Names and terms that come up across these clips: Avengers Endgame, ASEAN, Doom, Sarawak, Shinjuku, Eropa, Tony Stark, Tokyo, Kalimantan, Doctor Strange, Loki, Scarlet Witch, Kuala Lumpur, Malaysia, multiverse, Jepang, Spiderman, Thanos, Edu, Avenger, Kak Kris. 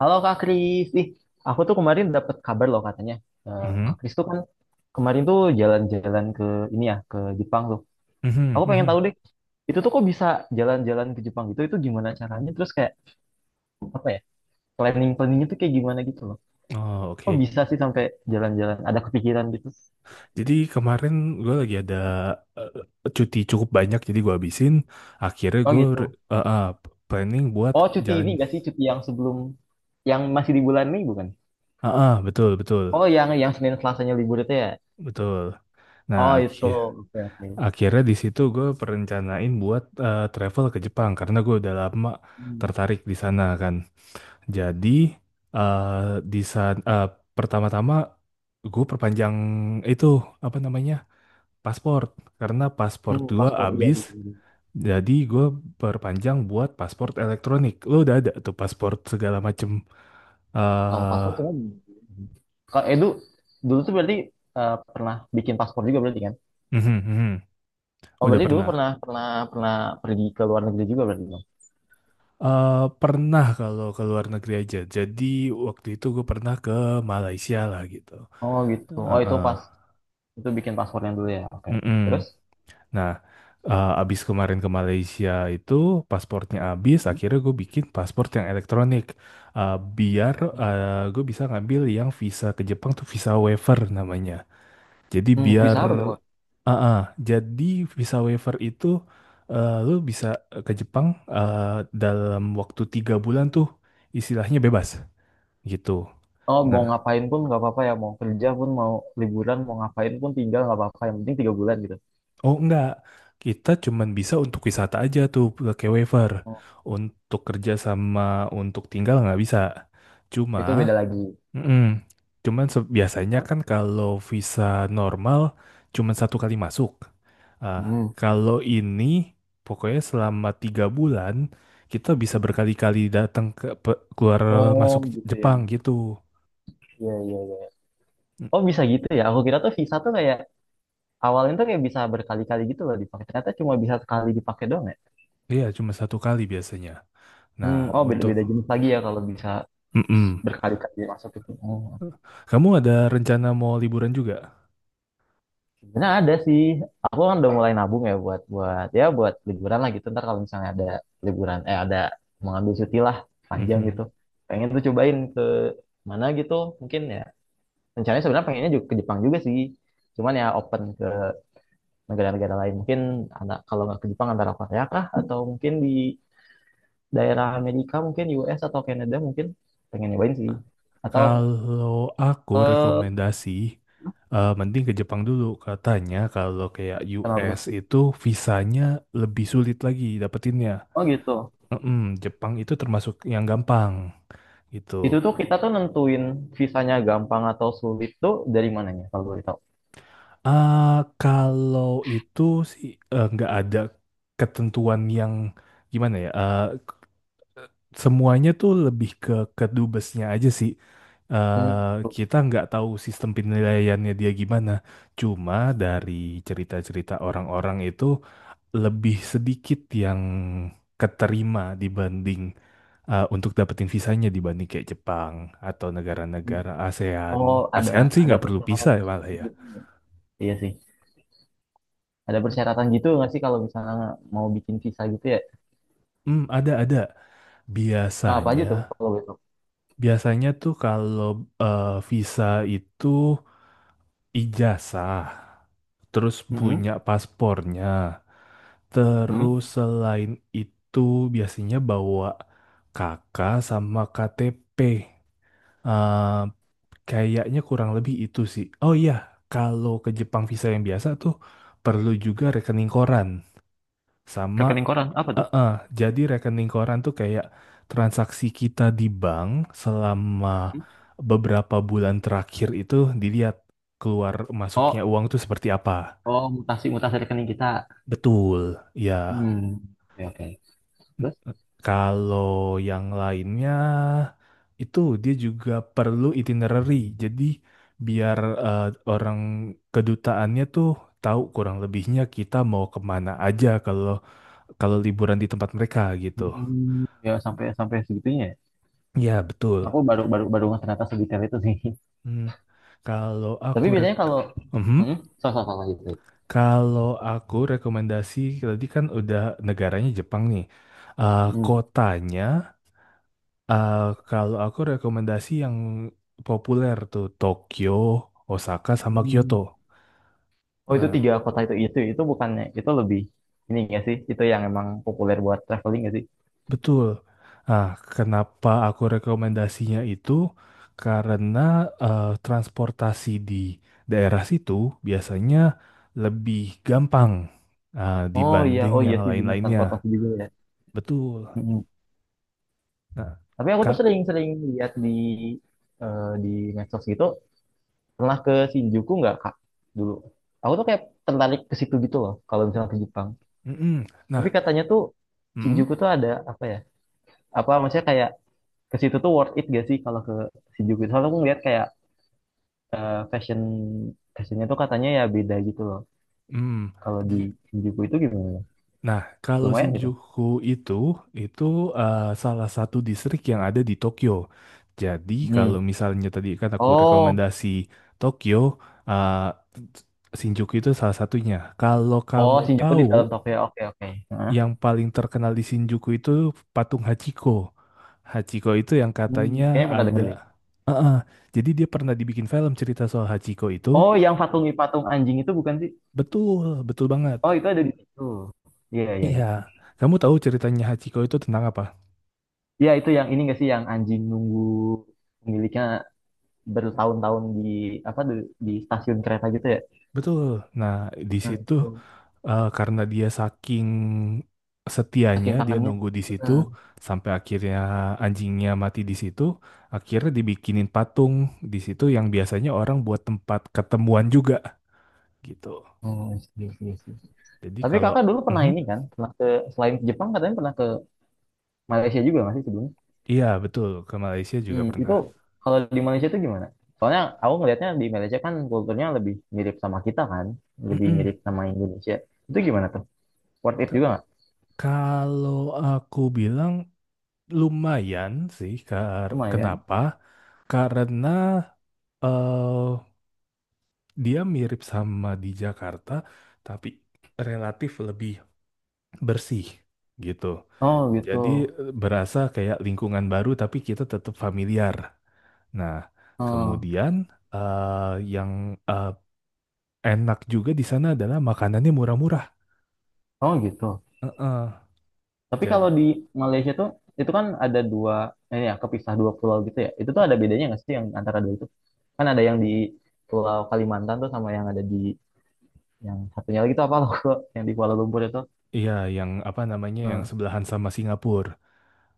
Halo Kak Kris, ih, aku tuh kemarin dapat kabar loh katanya Mhm, Kak Kris tuh kan kemarin tuh jalan-jalan ke ini ya ke Jepang tuh. mhm, Aku pengen mhm. tahu deh itu tuh kok bisa jalan-jalan ke Jepang gitu? Itu gimana caranya? Terus kayak apa ya planning-planningnya tuh kayak gimana gitu loh? Oh, Kok oke. bisa sih sampai jalan-jalan? Ada kepikiran gitu? Jadi kemarin gue lagi ada eh, cuti cukup banyak, jadi gue habisin. Akhirnya Oh gue gitu. planning buat Oh cuti jalan. ini gak sih cuti yang sebelum yang masih di bulan ini bukan? Betul, betul, Oh yang Senin Selasanya libur itu ya? betul. Nah, Oh itu, oke oke. akhirnya di situ gue perencanain buat travel ke Jepang karena gue udah lama Hmm. tertarik di sana kan. Jadi di sana pertama-tama gue perpanjang itu apa namanya paspor karena paspor Hmm, gue paspor iya habis. gitu. Jadi gue perpanjang buat paspor elektronik. Lo udah ada tuh paspor segala macem. eh Kalau paspor cuman kalau Edu dulu tuh berarti pernah bikin paspor juga berarti kan? mhm, mhm. Oh Udah berarti dulu pernah. pernah, pernah pergi ke luar negeri juga berarti dong? Pernah kalau ke luar negeri aja. Jadi waktu itu gue pernah ke Malaysia lah gitu. Oh gitu. Oh Eh, itu eh, pas itu bikin paspornya dulu ya. Oke, oke. mm-mm. Terus? Nah, abis kemarin ke Malaysia itu paspornya abis. Akhirnya gue bikin paspor yang elektronik. Biar gue bisa ngambil yang visa ke Jepang tuh visa waiver namanya. Jadi Hmm, visa biar apa dong? ah ah, jadi visa waiver itu lu bisa ke Jepang eh, dalam waktu 3 bulan tuh istilahnya bebas gitu. Oh mau Nah, ngapain pun nggak apa-apa ya. Mau kerja pun, mau liburan, mau ngapain pun tinggal nggak apa-apa. Yang penting 3 bulan gitu. oh enggak, kita cuman bisa untuk wisata aja tuh pakai waiver. Oh Untuk kerja sama untuk tinggal nggak bisa. Cuma itu beda lagi. Mm-mm. Biasanya Hah? kan kalau visa normal cuman satu kali masuk. Ah, Hmm. kalau ini pokoknya selama 3 bulan kita bisa berkali-kali datang ke keluar Oh masuk gitu ya. Jepang gitu. Iya iya iya. Mm, Oh bisa gitu ya. Aku kira tuh visa tuh kayak awalnya tuh kayak bisa berkali-kali gitu loh dipakai. Ternyata cuma bisa sekali dipakai doang ya. iya, cuma satu kali biasanya. Nah, Hmm, oh untuk beda-beda jenis lagi ya kalau bisa Mm-mm. berkali-kali masuk itu. Oh. Kamu ada rencana mau liburan juga? Sebenarnya ada sih. Aku kan udah mulai nabung ya buat buat ya buat liburan lah gitu. Ntar kalau misalnya ada liburan, ada mengambil cuti lah panjang gitu. Mhm. Pengen tuh cobain ke mana gitu mungkin ya. Rencananya sebenarnya pengennya juga ke Jepang juga sih. Cuman ya open ke negara-negara lain. Mungkin anak kalau nggak ke Jepang antara Korea kah atau mungkin di daerah Amerika mungkin US atau Kanada mungkin pengen nyobain sih. Atau Kalau aku ke rekomendasi, mending ke Jepang dulu. Katanya kalau kayak US kenapa. itu visanya lebih sulit lagi dapetinnya. Oh gitu. Mm-mm. Jepang itu termasuk yang gampang Itu gitu. tuh kita tuh nentuin visanya gampang atau sulit tuh dari mananya kalau boleh tahu? Ah, kalau itu sih nggak ada ketentuan yang gimana ya. Semuanya tuh lebih ke kedubesnya aja sih. Hmm, eh gitu. kita nggak tahu sistem penilaiannya dia gimana. Cuma dari cerita-cerita orang-orang itu lebih sedikit yang keterima dibanding untuk dapetin visanya dibanding kayak Jepang atau Hmm. negara-negara Oh, ASEAN. ASEAN sih ada nggak perlu visa persyaratan ya malah ya. gitu ya? Iya sih. Ada persyaratan gitu nggak sih kalau misalnya mau bikin visa gitu ya? Hmm, ada ada. Nah, apa aja Biasanya, tuh kalau boleh tahu? biasanya, tuh kalau visa itu ijazah, terus Mm-hmm. punya paspornya. Hmm. Terus selain itu biasanya bawa kakak sama KTP. Eh, kayaknya kurang lebih itu sih. Oh iya, kalau ke Jepang visa yang biasa tuh perlu juga rekening koran sama Rekening koran apa tuh? eh, eh, jadi rekening koran tuh kayak transaksi kita di bank selama Hmm? beberapa bulan terakhir itu dilihat keluar masuknya Oh, uang tuh seperti apa. oh mutasi mutasi rekening kita. Betul, ya. Hmm. Ya, oke. Terus? Kalau yang lainnya itu dia juga perlu itinerary. Jadi biar eh, orang kedutaannya tuh tahu kurang lebihnya kita mau kemana aja kalau kalau liburan di tempat mereka gitu. Hmm, ya sampai sampai segitunya ya? Ya, betul. Aku baru, baru, baru nggak ternyata sedetail itu sih. Hmm. Kalau Tapi aku rek biasanya kalau Mhm. hmm, so, so, so, so, gitu. Kalau aku rekomendasi tadi kan udah negaranya Jepang nih. Eh, kotanya Eh, kalau aku rekomendasi yang populer tuh Tokyo, Osaka sama Kyoto. Hmm. Oh itu Nah, tiga kota itu, itu bukannya itu lebih ini nggak sih itu yang emang populer buat traveling nggak sih? betul. Nah, kenapa aku rekomendasinya itu? Karena transportasi di daerah situ biasanya lebih gampang Oh iya, dibanding oh iya yang sih bener, lain-lainnya. transportasi juga ya. Betul. Mm-mm. Nah, Tapi aku tuh Kak. sering-sering lihat di di medsos gitu, pernah ke Shinjuku nggak Kak dulu? Aku tuh kayak tertarik ke situ gitu loh kalau misalnya ke Jepang. Mm-mm. Tapi Nah, katanya tuh mm-mm, Shinjuku tuh ada apa ya? Apa maksudnya kayak ke situ tuh worth it gak sih kalau ke Shinjuku? Soalnya aku ngeliat kayak fashion, fashionnya tuh katanya ya beda gitu loh. Kalau di mm. Shinjuku itu gimana? Nah, kalau Lumayan gitu. Shinjuku itu itu salah satu distrik yang ada di Tokyo. Jadi kalau Hmm. misalnya tadi kan aku Oh. rekomendasi Tokyo, Shinjuku itu salah satunya. Kalau Oh, kamu Shinjuku tahu di dalam Tokyo. Oke, oke. Hah? yang paling terkenal di Shinjuku itu patung Hachiko. Hachiko itu yang Hmm. katanya Kayaknya pernah denger deh. ada. Eh, eh, Jadi dia pernah dibikin film cerita soal Hachiko itu. Oh, yang patungi-patung anjing itu bukan sih? Betul, betul banget. Oh, itu ada di situ. Iya, iya, iya. Iya. Kamu tahu ceritanya Hachiko itu tentang apa? Iya, itu yang ini nggak sih, yang anjing nunggu pemiliknya bertahun-tahun di apa di stasiun kereta gitu ya? Betul. Nah, di Nah, situ itu. Karena dia saking setianya Saking dia kangennya. nunggu di situ Heeh. sampai akhirnya anjingnya mati di situ, akhirnya dibikinin patung di situ yang biasanya orang buat tempat ketemuan juga gitu. Oh, I see, I Jadi tapi kalau kakak dulu pernah Mhm. ini kan? Pernah ke selain ke Jepang, katanya pernah ke Malaysia juga masih sebelum? Iya, betul, ke Malaysia juga Hmm, itu pernah. kalau di Malaysia itu gimana? Soalnya aku ngelihatnya di Malaysia kan kulturnya lebih mirip sama kita kan, lebih Mm-mm. mirip sama Indonesia. Itu gimana tuh? Worth it Ke- juga nggak? Kalau aku bilang lumayan sih, Lumayan. kenapa? Karena eh, dia mirip sama di Jakarta, tapi relatif lebih bersih gitu. Oh gitu. Jadi berasa kayak lingkungan baru, tapi kita tetap familiar. Nah, Oh, kemudian eh, yang eh, enak juga di sana adalah makanannya murah-murah. oh gitu. Heeh. Tapi Jadi, kalau di Malaysia tuh itu kan ada dua, ya kepisah dua pulau gitu ya. Itu tuh ada bedanya nggak sih yang antara dua itu? Kan ada yang di Pulau Kalimantan tuh sama yang ada di yang satunya lagi tuh apa loh? Yang di Kuala Lumpur itu. iya, yang apa namanya yang Hmm. sebelahan sama Singapura.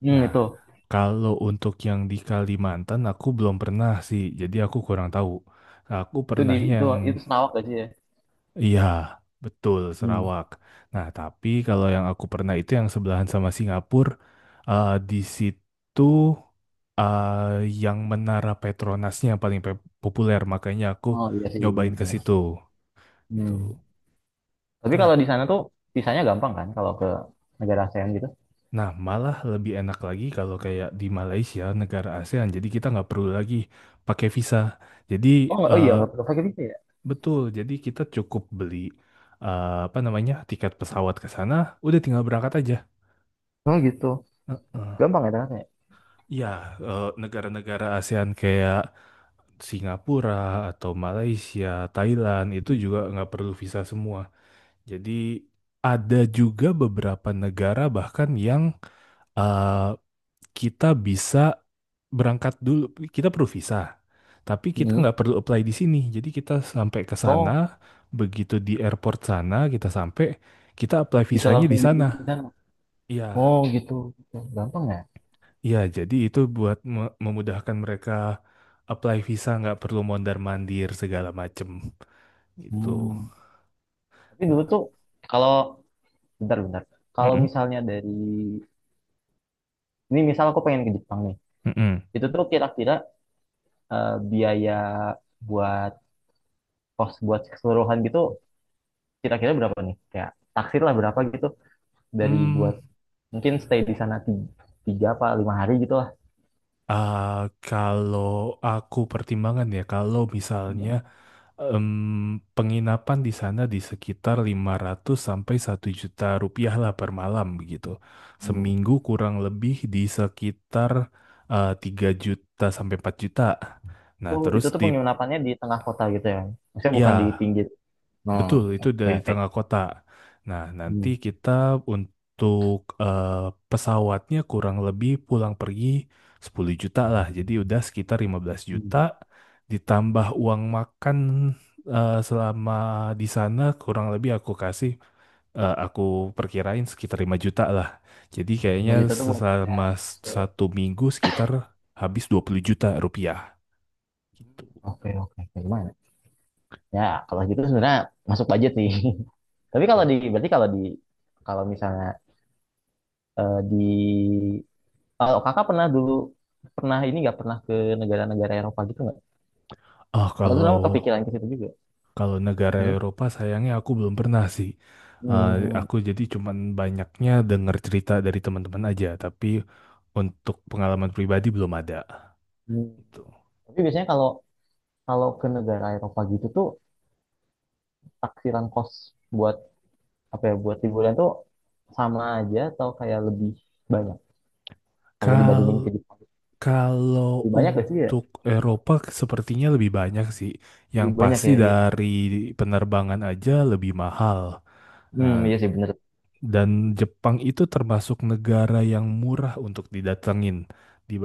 Hmm, Nah, itu. kalau untuk yang di Kalimantan aku belum pernah sih, jadi aku kurang tahu. Aku Itu di pernahnya. itu itu Sarawak gak sih ya? Iya, betul Hmm. Sarawak. Nah, tapi kalau yang aku pernah itu yang sebelahan sama Singapura, di situ yang Menara Petronasnya yang paling populer, makanya aku Oh iya sih iya, nyobain ke benar. situ gitu. Hmm. Tapi Nah, kalau di sana tuh visanya gampang kan kalau ke negara ASEAN gitu? nah, malah lebih enak lagi kalau kayak di Malaysia, negara ASEAN. Jadi kita nggak perlu lagi pakai visa. Jadi Oh nggak, oh iya eh, nggak perlu pakai visa ya? betul, jadi kita cukup beli apa namanya tiket pesawat ke sana, udah tinggal berangkat aja. Oh gitu, Heeh. gampang ya ternyata ya? Ya, negara-negara ASEAN kayak Singapura atau Malaysia, Thailand itu juga nggak perlu visa semua. Jadi ada juga beberapa negara bahkan yang eh, kita bisa berangkat dulu, kita perlu visa, tapi kita Hmm. nggak perlu apply di sini. Jadi kita sampai ke sana, Oh begitu di airport sana kita sampai, kita apply bisa visanya langsung di di sana. sana. Iya, Oh gitu, gitu, gampang ya? iya, jadi itu buat memudahkan mereka apply visa nggak perlu mondar-mandir segala macem gitu. Hmm. Tapi dulu Nah, tuh kalau bentar-bentar, kalau mm-mm, misalnya dari ini misal aku pengen ke Jepang nih, mm-mm. itu tuh kira-kira biaya buat kos buat keseluruhan gitu kira-kira berapa nih? Kayak taksir lah berapa gitu, dari Hmm, buat mungkin stay di sana 3, apa 5 hari gitu lah. ah, kalau aku pertimbangan ya, kalau misalnya em, penginapan di sana di sekitar 500 sampai 1 juta rupiah lah per malam begitu. Hmm. Seminggu kurang lebih di sekitar 3 juta sampai 4 juta. Nah, Itu tuh penginapannya di tengah kota gitu ya. Maksudnya bukan di ya, pinggir. Nah, betul, itu oke dari oke. tengah kota. Nah, nanti Hmm. kita untuk eh, pesawatnya kurang lebih pulang pergi 10 juta lah. Jadi udah sekitar 15 juta Hmm. ditambah uang makan selama di sana kurang lebih aku kasih aku perkirain sekitar 5 juta lah. Jadi kayaknya 5 juta tuh buat ya. selama satu minggu sekitar habis 20 juta rupiah gitu. Oke oke, oke. Gimana? Ya kalau gitu sebenarnya masuk budget nih. Tapi kalau di berarti kalau di kalau misalnya di kalau kakak pernah dulu pernah ini nggak, pernah ke negara-negara Eropa gitu nggak? Ah, Kalau tuh kalau kamu kepikiran ke situ juga. Kalau negara Hmm. Eropa sayangnya aku belum pernah sih. Eh, Hmm. aku jadi cuman banyaknya dengar cerita dari teman-teman aja, tapi untuk pengalaman pribadi belum ada. Hmm. Gitu. Tapi biasanya kalau kalau ke negara Eropa gitu tuh taksiran kos buat apa ya, buat liburan tuh sama aja atau kayak lebih banyak kalau Kal dibandingin ke Jepang, kalau lebih banyak gak sih ya, untuk Eropa sepertinya lebih banyak sih. Yang lebih banyak pasti ya iya. dari penerbangan aja lebih mahal. Hmm Nah, iya sih bener, dan Jepang itu termasuk negara yang murah untuk didatengin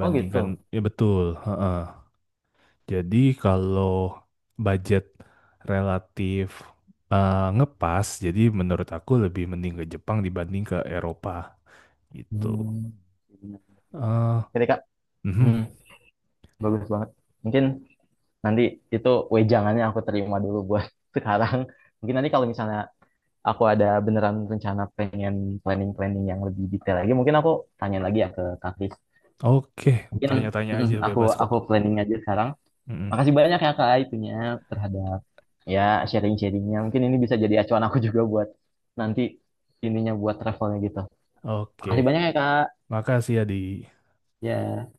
oh gitu. ya, betul. Heeh. Jadi kalau budget relatif ngepas, jadi menurut aku lebih mending ke Jepang dibanding ke Eropa gitu. Hmm, bener. eh Oke deh, Kak. mhm. Hmm, bagus banget, mungkin nanti itu wejangannya aku terima dulu buat sekarang. Mungkin nanti kalau misalnya aku ada beneran rencana pengen planning, planning yang lebih detail lagi, mungkin aku tanya lagi ya ke Kak Kris. Oke, Mungkin tanya-tanya mm, aja bebas kok. aku planning aja sekarang. Mhm. Makasih banyak ya Kak itunya terhadap ya sharing-sharingnya. Mungkin ini bisa jadi acuan aku juga buat nanti ininya buat travelnya gitu. Makasih Oke, banyak ya Kak. makasih ya di. Ya.